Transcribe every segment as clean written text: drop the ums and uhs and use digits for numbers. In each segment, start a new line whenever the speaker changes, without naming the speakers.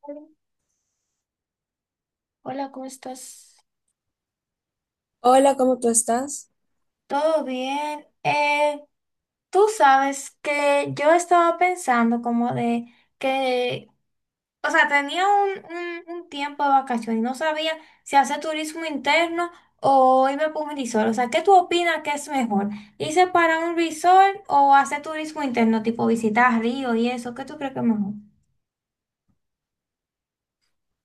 Hola, ¿cómo estás?
Hola, ¿cómo tú estás?
¿Todo bien? Tú sabes que yo estaba pensando como de que, o sea, tenía un tiempo de vacaciones y no sabía si hacer turismo interno o irme por un resort. O sea, ¿qué tú opinas que es mejor? ¿Irse para un resort o hacer turismo interno, tipo visitar ríos y eso? ¿Qué tú crees que es mejor?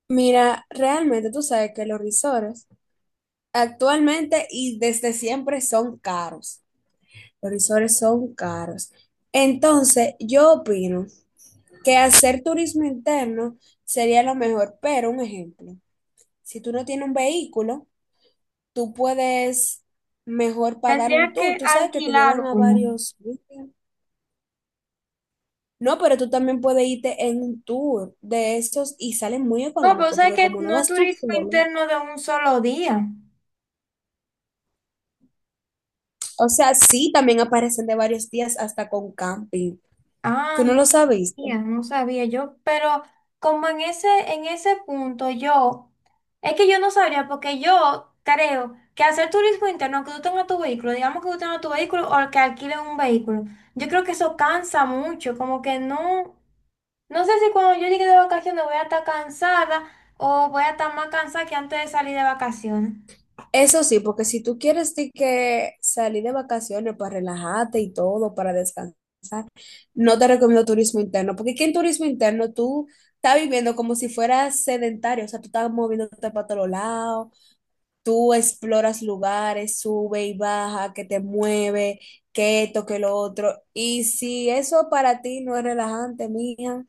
Mira, realmente tú sabes que los risores actualmente y desde siempre son caros. Los risores son caros. Entonces, yo opino que hacer turismo interno sería lo mejor, pero un ejemplo, si tú no tienes un vehículo, tú puedes mejor pagar un
Tendría
tour.
que
Tú sabes que te llevan
alquilar
a
uno.
varios sitios. No, pero tú también puedes irte en un tour de esos y salen muy
No, pero
económicos,
sabes
porque
que
como no
no es
vas tú
turismo
solo.
interno de un solo día.
O sea, sí, también aparecen de varios días hasta con camping. ¿Tú
Ah,
no lo sabías?
ya no sabía yo, pero como en en ese punto yo, es que yo no sabría, porque yo creo que hacer turismo interno, que tú tengas tu vehículo, digamos que tú tengas tu vehículo o que alquiles un vehículo, yo creo que eso cansa mucho, como que no, no sé si cuando yo llegue de vacaciones voy a estar cansada o voy a estar más cansada que antes de salir de vacaciones.
Eso sí, porque si tú quieres de que salir de vacaciones para relajarte y todo, para descansar, no te recomiendo turismo interno, porque aquí en turismo interno tú estás viviendo como si fueras sedentario, o sea, tú estás moviéndote para todos lados, tú exploras lugares, sube y baja, que te mueve, que esto, que lo otro. Y si eso para ti no es relajante, mija,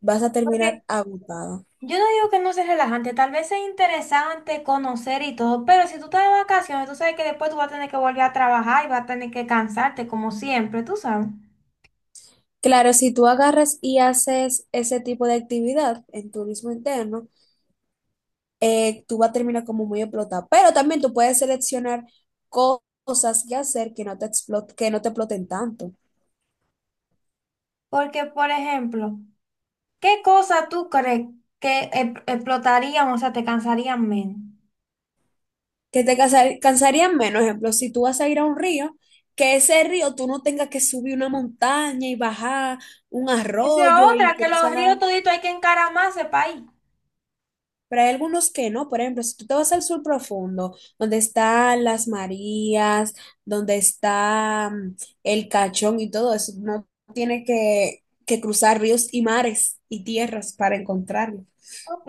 vas a
Porque
terminar agotada.
yo no digo que no sea relajante, tal vez es interesante conocer y todo, pero si tú estás de vacaciones, tú sabes que después tú vas a tener que volver a trabajar y vas a tener que cansarte como siempre, tú sabes.
Claro, si tú agarras y haces ese tipo de actividad en turismo interno, tú vas a terminar como muy explotada. Pero también tú puedes seleccionar cosas que hacer que no te que no te exploten tanto,
Porque, por ejemplo, ¿qué cosa tú crees que explotarían, o sea, te cansarían menos?
que te cansarían menos. Ejemplo, si tú vas a ir a un río, que ese río tú no tengas que subir una montaña y bajar un
Esa es
arroyo y
otra, que los ríos
cruzar.
toditos hay que encaramarse para ahí.
Pero hay algunos que no. Por ejemplo, si tú te vas al sur profundo, donde están las Marías, donde está el Cachón y todo eso, no tiene que cruzar ríos y mares y tierras para encontrarlo.
Ok,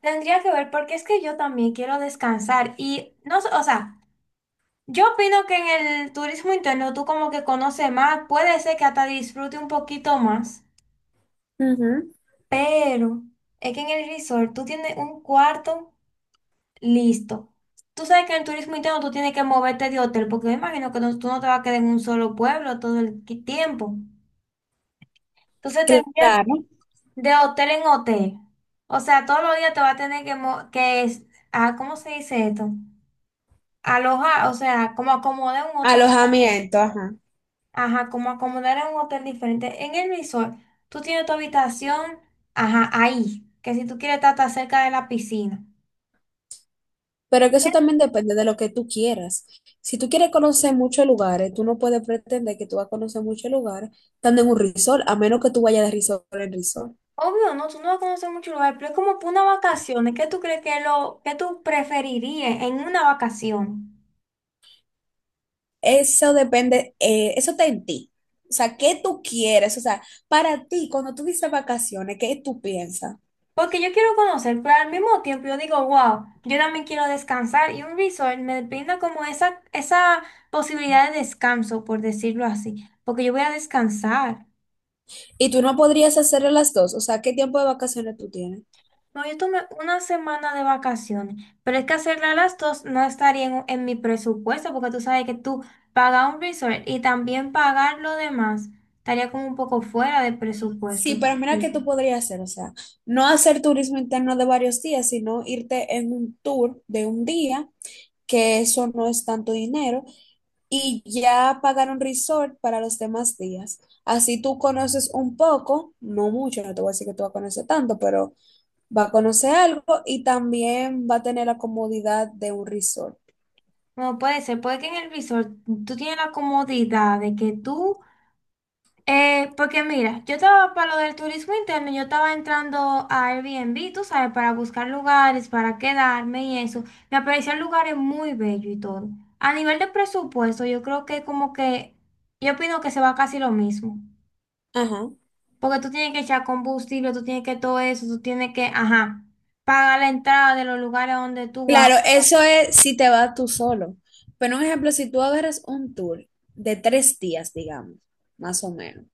tendría que ver, porque es que yo también quiero descansar y no sé, o sea. Yo opino que en el turismo interno tú como que conoces más, puede ser que hasta disfrute un poquito más,
Ujú.
pero es que en el resort tú tienes un cuarto listo. Tú sabes que en el turismo interno tú tienes que moverte de hotel, porque me imagino que tú no te vas a quedar en un solo pueblo todo el tiempo. Entonces tendría que
Claro,
ir de hotel en hotel. O sea, todos los días te vas a tener que, ¿cómo se dice esto? Alojar, o sea, como acomodar un hotel.
alojamiento, ajá.
Ajá, como acomodar en un hotel diferente. En el resort, tú tienes tu habitación, ajá, ahí. Que si tú quieres estar tan cerca de la piscina.
Pero que eso también depende de lo que tú quieras. Si tú quieres conocer muchos lugares, tú no puedes pretender que tú vas a conocer muchos lugares estando en un resort, a menos que tú vayas de resort en resort.
Obvio, no, tú no vas a conocer mucho lugar, pero es como para una vacación. ¿Qué tú crees que es lo que tú preferirías en una vacación?
Eso depende, eso está en ti. O sea, ¿qué tú quieres? O sea, para ti, cuando tú dices vacaciones, ¿qué tú piensas?
Porque yo quiero conocer, pero al mismo tiempo yo digo, wow, yo también quiero descansar y un resort me brinda como esa posibilidad de descanso, por decirlo así, porque yo voy a descansar.
Y tú no podrías hacer las dos. O sea, ¿qué tiempo de vacaciones tú tienes?
No, yo tomé una semana de vacaciones, pero es que hacerla a las dos no estaría en mi presupuesto, porque tú sabes que tú pagas un resort y también pagar lo demás estaría como un poco fuera de
Sí,
presupuesto.
pero mira qué tú podrías hacer. O sea, no hacer turismo interno de varios días, sino irte en un tour de un día, que eso no es tanto dinero, y ya pagar un resort para los demás días. Así tú conoces un poco, no mucho, no te voy a decir que tú vas a conocer tanto, pero va a conocer algo y también va a tener la comodidad de un resort.
No puede ser, puede que en el resort tú tienes la comodidad de que tú. Porque mira, yo estaba para lo del turismo interno, yo estaba entrando a Airbnb, tú sabes, para buscar lugares, para quedarme y eso. Me aparecían lugares muy bellos y todo. A nivel de presupuesto, yo creo que como que, yo opino que se va casi lo mismo.
Ajá.
Porque tú tienes que echar combustible, tú tienes que todo eso, tú tienes que, ajá, pagar la entrada de los lugares donde tú vas.
Claro, eso es si te vas tú solo. Pero un ejemplo, si tú agarras un tour de tres días, digamos, más o menos,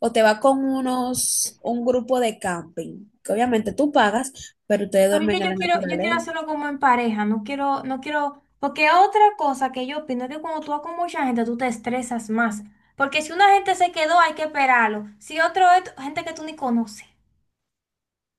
o te vas con unos, un grupo de camping, que obviamente tú pagas, pero ustedes
A mí que
duermen en la
yo quiero
naturaleza.
hacerlo como en pareja, no quiero, no quiero, porque otra cosa que yo opino es que cuando tú vas con mucha gente, tú te estresas más. Porque si una gente se quedó, hay que esperarlo. Si otro es gente que tú ni conoces.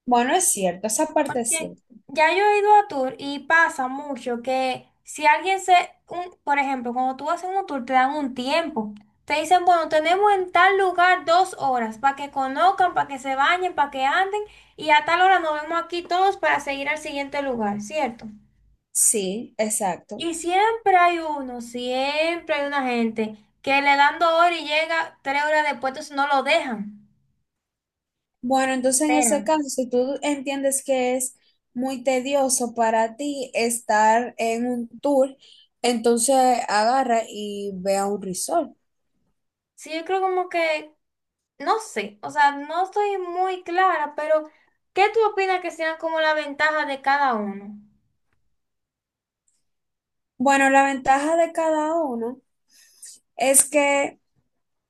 Bueno, es cierto, esa parte es
Porque
cierta.
ya yo he ido a tour y pasa mucho que si alguien se, un, por ejemplo, cuando tú vas en un tour, te dan un tiempo. Te dicen, bueno, tenemos en tal lugar dos horas para que conozcan, para que se bañen, para que anden, y a tal hora nos vemos aquí todos para seguir al siguiente lugar, ¿cierto?
Sí, exacto.
Y siempre hay uno, siempre hay una gente que le dan dos horas y llega tres horas después, entonces no lo dejan.
Bueno, entonces en ese
Esperan.
caso, si tú entiendes que es muy tedioso para ti estar en un tour, entonces agarra y ve a un resort.
Sí, yo creo como que, no sé, o sea, no estoy muy clara, pero ¿qué tú opinas que sean como la ventaja de cada uno?
Bueno, la ventaja de cada uno es que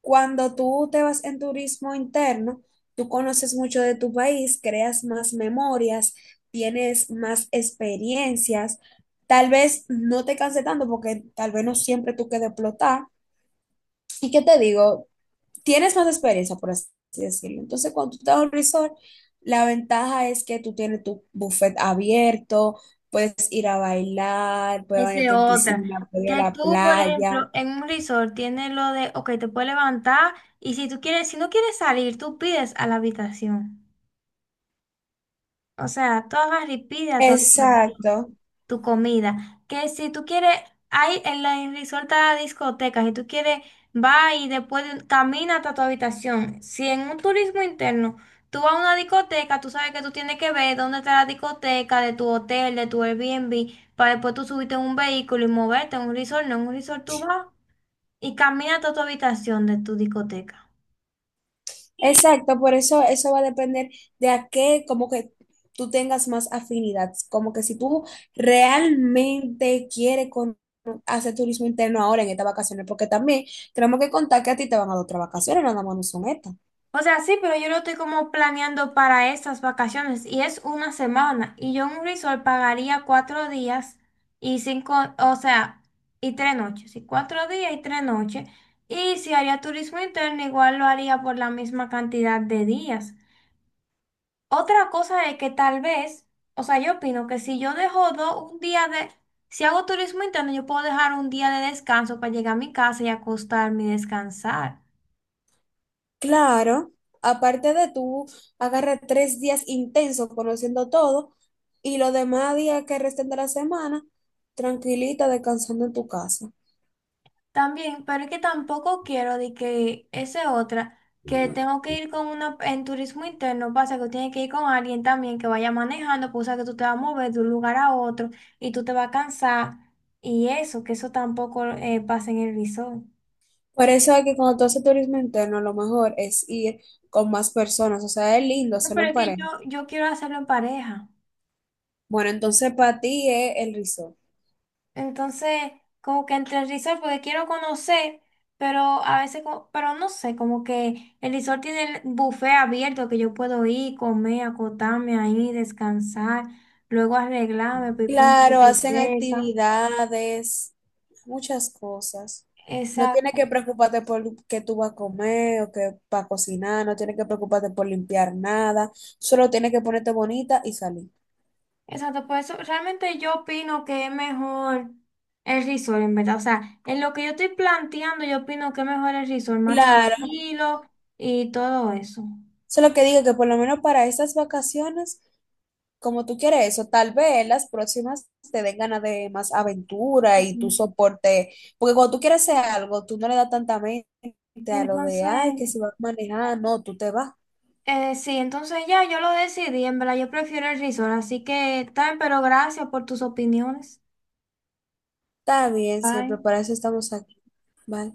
cuando tú te vas en turismo interno, tú conoces mucho de tu país, creas más memorias, tienes más experiencias, tal vez no te canse tanto porque tal vez no siempre tú quedes explotar. ¿Y qué te digo? Tienes más experiencia, por así decirlo. Entonces, cuando tú estás en un resort, la ventaja es que tú tienes tu buffet abierto, puedes ir a bailar, puedes
Esa es
bañarte en
otra.
piscina, puedes ir a
Que
la
tú, por
playa.
ejemplo, en un resort tienes lo de, ok, te puedes levantar y si tú quieres, si no quieres salir, tú pides a la habitación. O sea, tú agarras y pides a tu habitación,
Exacto.
tu comida. Que si tú quieres, hay en la en Resort hay discotecas, si tú quieres, va y camina hasta tu habitación. Si en un turismo interno tú vas a una discoteca, tú sabes que tú tienes que ver dónde está la discoteca de tu hotel, de tu Airbnb, para después tú subirte en un vehículo y moverte en un resort, no, en un resort tú vas y camina hasta tu habitación de tu discoteca.
Exacto, por eso eso va a depender de a qué, como que tú tengas más afinidad, como que si tú realmente quieres hacer turismo interno ahora en estas vacaciones, porque también tenemos que contar que a ti te van a dar otras vacaciones, nada más no son estas.
O sea, sí, pero yo lo estoy como planeando para estas vacaciones y es una semana. Y yo en un resort pagaría cuatro días y cinco, o sea, y tres noches. Y cuatro días y tres noches. Y si haría turismo interno, igual lo haría por la misma cantidad de días. Otra cosa es que tal vez, o sea, yo opino que si yo dejo un día de, si hago turismo interno, yo puedo dejar un día de descanso para llegar a mi casa y acostarme y descansar.
Claro, aparte de tú, agarra tres días intensos conociendo todo y los demás días que resten de la semana, tranquilita, descansando en tu casa.
También, pero es que tampoco quiero de que ese otra, que tengo que ir con una, en turismo interno, pasa que tiene que ir con alguien también que vaya manejando, pues o sea que tú te vas a mover de un lugar a otro y tú te vas a cansar y eso, que eso tampoco pasa en el resort.
Por eso es que cuando tú haces turismo interno, lo mejor es ir con más personas. O sea, es lindo
No,
hacerlo
pero
en
es que
pareja.
yo quiero hacerlo en pareja.
Bueno, entonces para ti es el resort.
Entonces, como que entre el resort, porque quiero conocer, pero a veces, pero no sé, como que el resort tiene el buffet abierto que yo puedo ir, comer, acotarme ahí, descansar, luego arreglarme, voy con la
Claro, hacen
biblioteca.
actividades, muchas cosas. No tienes
Exacto,
que preocuparte por qué tú vas a comer o qué vas a cocinar, no tienes que preocuparte por limpiar nada, solo tienes que ponerte bonita y salir.
exacto, por eso realmente yo opino que es mejor el resort, en verdad. O sea, en lo que yo estoy planteando, yo opino que es mejor el resort, más
Claro,
tranquilo y todo eso.
eso es lo que digo, que por lo menos para estas vacaciones, como tú quieres eso, tal vez las próximas te den ganas de más aventura y tu
Ujú.
soporte, porque cuando tú quieres hacer algo, tú no le das tanta mente a lo de, ay,
Entonces,
que si vas a manejar, no, tú te vas.
Sí, entonces ya yo lo decidí, en verdad yo prefiero el risol, así que tal, pero gracias por tus opiniones.
Está bien,
Bye.
siempre, para eso estamos aquí. Bye.